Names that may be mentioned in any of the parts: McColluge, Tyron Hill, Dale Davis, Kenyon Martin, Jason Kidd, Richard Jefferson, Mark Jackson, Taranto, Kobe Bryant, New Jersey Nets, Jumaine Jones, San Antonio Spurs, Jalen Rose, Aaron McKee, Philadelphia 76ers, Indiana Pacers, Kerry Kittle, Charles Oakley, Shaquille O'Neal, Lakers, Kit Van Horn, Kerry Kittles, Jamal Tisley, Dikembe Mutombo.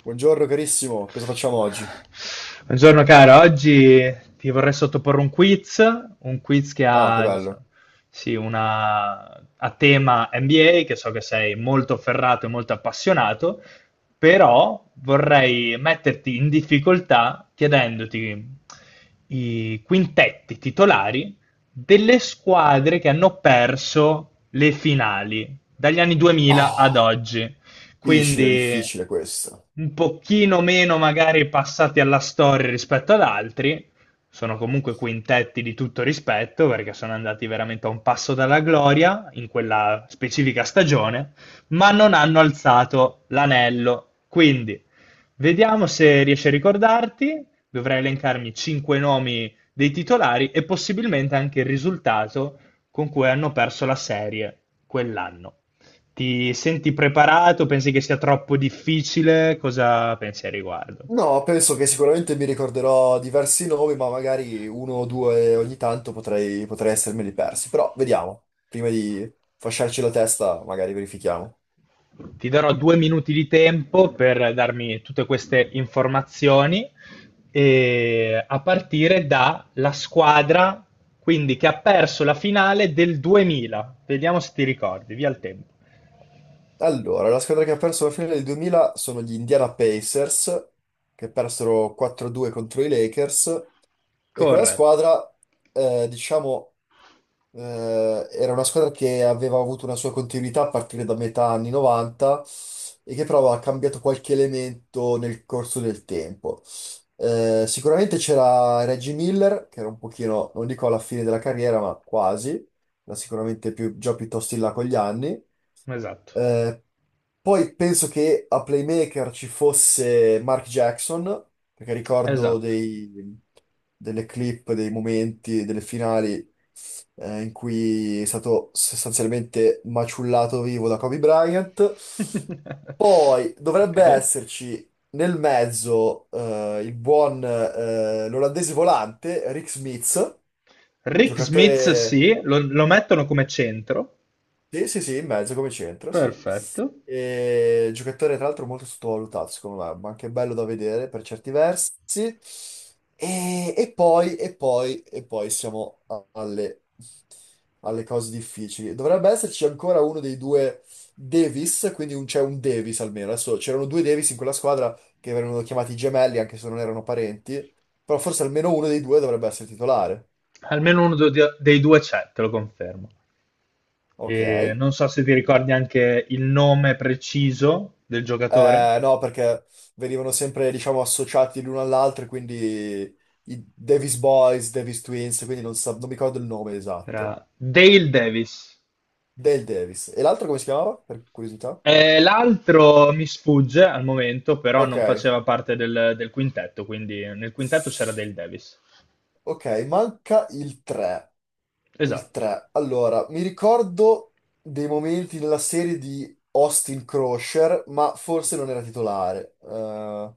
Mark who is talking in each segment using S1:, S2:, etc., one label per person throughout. S1: Buongiorno carissimo, cosa facciamo oggi?
S2: Buongiorno caro, oggi ti vorrei sottoporre un quiz che
S1: Oh, che
S2: ha,
S1: bello.
S2: diciamo, sì, a tema NBA, che so che sei molto ferrato e molto appassionato, però vorrei metterti in difficoltà chiedendoti i quintetti titolari delle squadre che hanno perso le finali dagli anni 2000
S1: Oh,
S2: ad oggi,
S1: difficile,
S2: quindi
S1: difficile questo.
S2: un pochino meno magari passati alla storia rispetto ad altri. Sono comunque quintetti di tutto rispetto perché sono andati veramente a un passo dalla gloria in quella specifica stagione, ma non hanno alzato l'anello. Quindi vediamo se riesci a ricordarti. Dovrai elencarmi cinque nomi dei titolari e possibilmente anche il risultato con cui hanno perso la serie quell'anno. Ti senti preparato? Pensi che sia troppo difficile? Cosa pensi al riguardo?
S1: No, penso che sicuramente mi ricorderò diversi nomi, ma magari uno o due ogni tanto potrei essermeli persi. Però vediamo, prima di fasciarci la testa, magari verifichiamo.
S2: Ti darò due minuti di tempo per darmi tutte queste informazioni e a partire dalla squadra, quindi che ha perso la finale del 2000. Vediamo se ti ricordi, via il tempo.
S1: Allora, la squadra che ha perso la finale del 2000 sono gli Indiana Pacers, che persero 4-2 contro i Lakers, e quella
S2: Corretto,
S1: squadra, eh, diciamo era una squadra che aveva avuto una sua continuità a partire da metà anni 90 e che però aveva cambiato qualche elemento nel corso del tempo. Sicuramente c'era Reggie Miller, che era un pochino, non dico alla fine della carriera, ma quasi, ma sicuramente già piuttosto in là con gli anni.
S2: esatto,
S1: Eh, Poi penso che a playmaker ci fosse Mark Jackson, perché ricordo
S2: esatto.
S1: delle clip, dei momenti, delle finali in cui è stato sostanzialmente maciullato vivo da Kobe Bryant. Poi
S2: Ok.
S1: dovrebbe esserci nel mezzo il buon l'olandese volante Rick Smith,
S2: Rick Smith
S1: giocatore...
S2: sì, lo mettono come centro.
S1: Sì, sì, sì, in mezzo come centro, sì.
S2: Perfetto.
S1: E giocatore tra l'altro molto sottovalutato, secondo me, ma anche bello da vedere per certi versi. E poi alle cose difficili. Dovrebbe esserci ancora uno dei due Davis, quindi c'è un Davis almeno. Adesso c'erano due Davis in quella squadra che venivano chiamati gemelli, anche se non erano parenti, però forse almeno uno dei due dovrebbe essere titolare.
S2: Almeno uno do- Dei due c'è, te lo confermo.
S1: Ok.
S2: E non so se ti ricordi anche il nome preciso del giocatore.
S1: No, perché venivano sempre, diciamo, associati l'uno all'altro, quindi i Davis Boys, Davis Twins, quindi non mi ricordo il nome esatto.
S2: Era Dale Davis.
S1: Del Davis. E l'altro come si chiamava? Per curiosità.
S2: E l'altro mi sfugge al momento, però
S1: Ok.
S2: non faceva parte del quintetto, quindi nel quintetto c'era Dale Davis.
S1: Ok, manca il 3. Il
S2: Esatto,
S1: 3. Allora, mi ricordo dei momenti nella serie di Austin Crusher, ma forse non era titolare.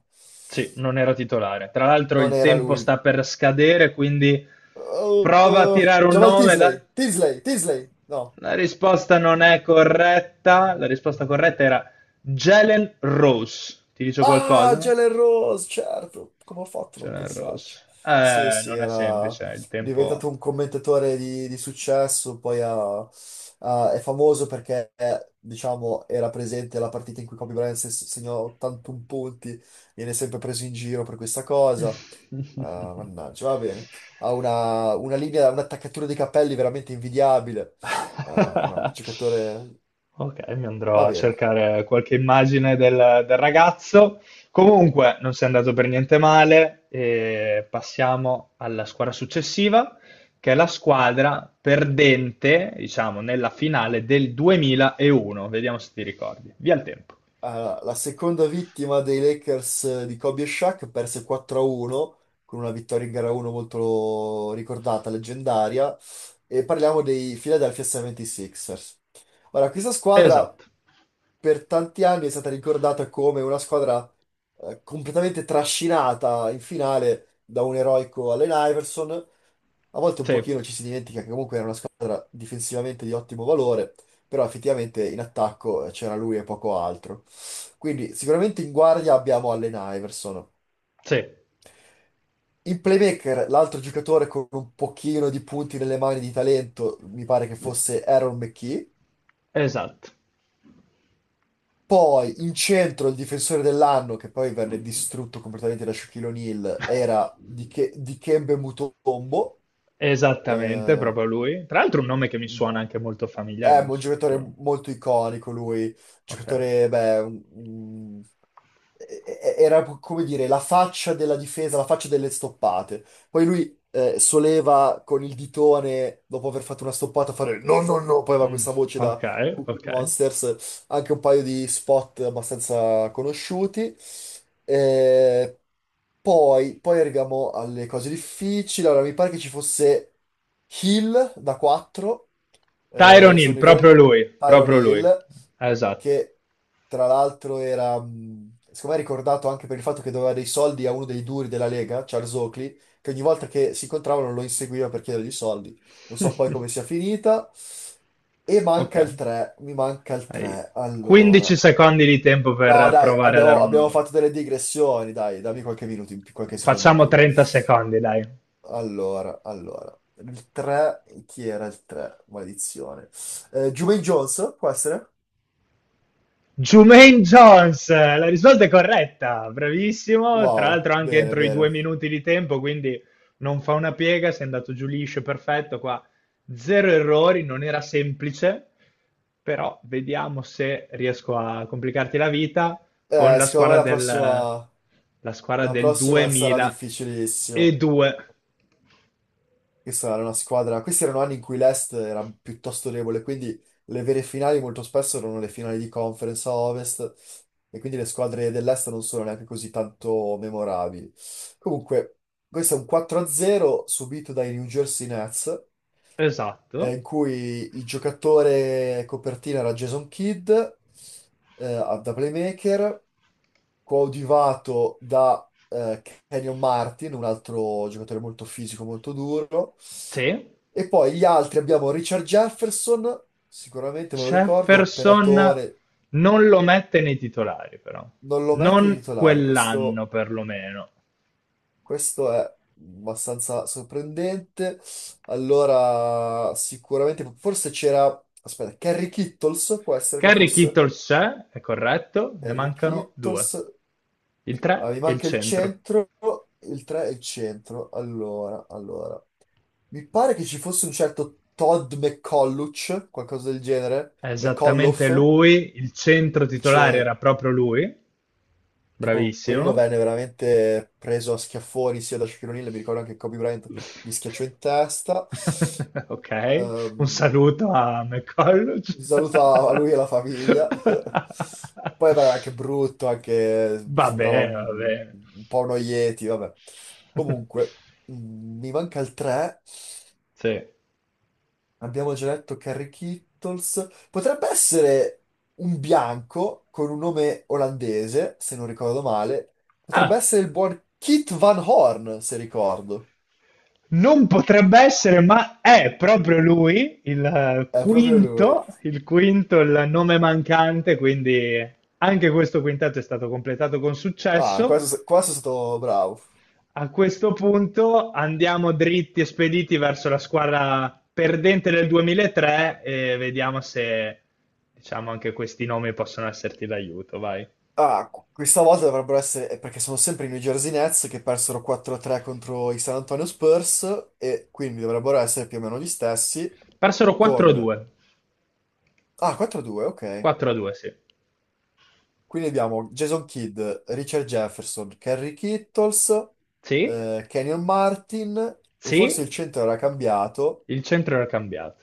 S2: sì, non era titolare. Tra l'altro
S1: Non
S2: il
S1: era
S2: tempo
S1: lui.
S2: sta per scadere, quindi prova a tirare un
S1: Jamal
S2: nome, dai.
S1: Tisley! Tisley! Tisley! No.
S2: La risposta non è corretta. La risposta corretta era Jalen Rose. Ti dice
S1: Ah,
S2: qualcosa?
S1: Jalen Rose, certo. Come ho fatto a non
S2: Jalen
S1: pensarci?
S2: Rose.
S1: Sì, sì,
S2: Non è
S1: era
S2: semplice, il
S1: diventato
S2: tempo...
S1: un commentatore di successo, poi è famoso perché, diciamo, era presente alla partita in cui Kobe Bryant segnò 81 punti, viene sempre preso in giro per questa cosa. Ah, mannaggia, va bene. Ha una linea, un'attaccatura dei capelli veramente invidiabile. Ah, no, giocatore...
S2: Ok, mi andrò
S1: Va
S2: a
S1: bene.
S2: cercare qualche immagine del ragazzo. Comunque, non si è andato per niente male. E passiamo alla squadra successiva, che è la squadra perdente, diciamo, nella finale del 2001. Vediamo se ti ricordi. Via il tempo.
S1: Allora, la seconda vittima dei Lakers di Kobe e Shaq perse 4-1 con una vittoria in gara 1 molto ricordata, leggendaria. E parliamo dei Philadelphia 76ers. Ora, questa squadra
S2: Esatto.
S1: per tanti anni è stata ricordata come una squadra completamente trascinata in finale da un eroico Allen Iverson. A volte un
S2: Sì,
S1: pochino ci si dimentica che comunque era una squadra difensivamente di ottimo valore, però effettivamente in attacco c'era lui e poco altro. Quindi sicuramente in guardia abbiamo Allen Iverson.
S2: sì,
S1: In playmaker, l'altro giocatore con un pochino di punti nelle mani di talento, mi pare che fosse Aaron McKee.
S2: esatto.
S1: Poi in centro il difensore dell'anno, che poi venne distrutto completamente da Shaquille O'Neal, era Dikembe Mutombo.
S2: Esattamente,
S1: eh,
S2: proprio lui. Tra l'altro, un nome che mi suona anche molto familiare,
S1: È
S2: non
S1: un
S2: so per
S1: giocatore
S2: quello.
S1: molto iconico lui,
S2: Ok.
S1: giocatore, beh, era come dire la faccia della difesa, la faccia delle stoppate. Poi lui soleva con il ditone, dopo aver fatto una stoppata, fare no, no, no, poi aveva
S2: Mm,
S1: questa voce
S2: ok,
S1: da Cookie
S2: ok.
S1: Monsters, anche un paio di spot abbastanza conosciuti. Eh, poi arriviamo alle cose difficili, allora mi pare che ci fosse Hill da 4 eh,
S2: Tyron
S1: adesso
S2: Hill,
S1: non mi ricordo
S2: proprio
S1: neanche,
S2: lui,
S1: Tyron
S2: proprio lui.
S1: Hill,
S2: Esatto.
S1: che tra l'altro era, secondo me, ricordato anche per il fatto che doveva dei soldi a uno dei duri della Lega, Charles Oakley, che ogni volta che si incontravano lo inseguiva per chiedergli i soldi. Non so poi come sia finita. E
S2: Ok,
S1: manca il 3, mi manca il
S2: hai
S1: 3,
S2: 15
S1: allora.
S2: secondi di tempo
S1: No,
S2: per
S1: dai,
S2: provare a dare
S1: abbiamo,
S2: un
S1: abbiamo
S2: nome.
S1: fatto delle digressioni, dai, dammi qualche minuto in più, qualche secondo in
S2: Facciamo
S1: più.
S2: 30 secondi, dai.
S1: Allora, il 3, chi era il 3? Maledizione. Jumaine Johnson, può essere?
S2: Jumaine Jones, la risposta è corretta, bravissimo, tra
S1: Wow,
S2: l'altro anche
S1: bene,
S2: entro i due
S1: bene.
S2: minuti di tempo, quindi non fa una piega, sei andato giù liscio, perfetto, qua zero errori, non era semplice, però vediamo se riesco a complicarti la vita con la
S1: Secondo me
S2: squadra del, la squadra
S1: la
S2: del
S1: prossima sarà difficilissima.
S2: 2002,
S1: Questa era una squadra. Questi erano anni in cui l'Est era piuttosto debole, quindi le vere finali molto spesso erano le finali di conference a Ovest, e quindi le squadre dell'Est non sono neanche così tanto memorabili. Comunque, questo è un 4-0 subito dai New Jersey Nets.
S2: esatto,
S1: In cui il giocatore copertina era Jason Kidd, da playmaker, coadiuvato da Kenyon Martin, un altro giocatore molto fisico, molto duro.
S2: sì,
S1: E poi gli altri abbiamo Richard Jefferson, sicuramente me lo ricordo,
S2: Jefferson
S1: Penatone,
S2: non lo mette nei titolari però,
S1: non lo mette nei
S2: non
S1: titolari, questo,
S2: quell'anno perlomeno.
S1: questo è abbastanza sorprendente. Allora, sicuramente, forse c'era... Aspetta, Kerry Kittles può essere che
S2: Kerry
S1: fosse?
S2: Kittle c'è, è corretto, ne
S1: Henry
S2: mancano due,
S1: Kittles.
S2: il
S1: Ah,
S2: 3
S1: mi
S2: e il
S1: manca il
S2: centro.
S1: centro, il 3 e il centro. Allora. Mi pare che ci fosse un certo Todd McColluch, qualcosa del genere.
S2: È esattamente
S1: McCollough,
S2: lui, il centro
S1: il
S2: titolare
S1: ce-
S2: era proprio lui,
S1: che poverino
S2: bravissimo.
S1: venne veramente preso a schiaffoni sia da Shaquille O'Neal, mi ricordo anche che Kobe Bryant gli schiacciò in testa.
S2: Ok, un
S1: Ehm,
S2: saluto a McColluge.
S1: Un saluto a lui e alla famiglia. Poi era anche brutto, anche
S2: Va
S1: sembrava
S2: bene, va bene.
S1: un po' uno Yeti, vabbè. Comunque, mi manca il 3.
S2: Sì.
S1: Abbiamo già detto Kerry Kittles. Potrebbe essere un bianco con un nome olandese, se non ricordo male. Potrebbe
S2: Ah,
S1: essere il buon Kit Van Horn, se ricordo.
S2: non potrebbe essere, ma è proprio lui, il eh,
S1: È proprio lui.
S2: quinto, il quinto, il nome mancante, quindi anche questo quintetto è stato completato con
S1: Ah, qua
S2: successo.
S1: sono qua sono stato bravo.
S2: A questo punto andiamo dritti e spediti verso la squadra perdente del 2003 e vediamo se, diciamo, anche questi nomi possono esserti d'aiuto, vai.
S1: Ah, questa volta dovrebbero essere, perché sono sempre i New Jersey Nets che persero 4-3 contro i San Antonio Spurs e quindi dovrebbero essere più o meno gli stessi
S2: Persero
S1: con...
S2: 4-2.
S1: Ah, 4-2, ok.
S2: 4-2, sì.
S1: Quindi abbiamo Jason Kidd, Richard Jefferson, Kerry Kittles,
S2: Sì,
S1: Kenyon Martin e forse
S2: sì,
S1: il centro era cambiato.
S2: il centro era cambiato.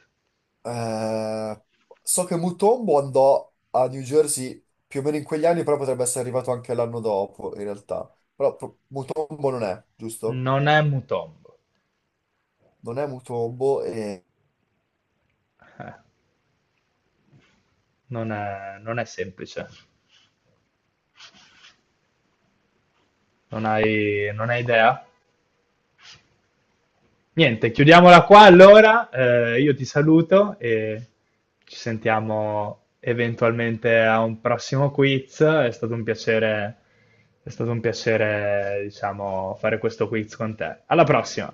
S1: Eh, so che Mutombo andò a New Jersey più o meno in quegli anni, però potrebbe essere arrivato anche l'anno dopo, in realtà. Però Mutombo non è, giusto?
S2: Non è Mutombo.
S1: Non è Mutombo e
S2: Eh, non è, non è semplice. Non hai idea? Niente, chiudiamola qua allora. Io ti saluto e ci sentiamo eventualmente a un prossimo quiz. È stato un piacere, diciamo, fare questo quiz con te. Alla prossima!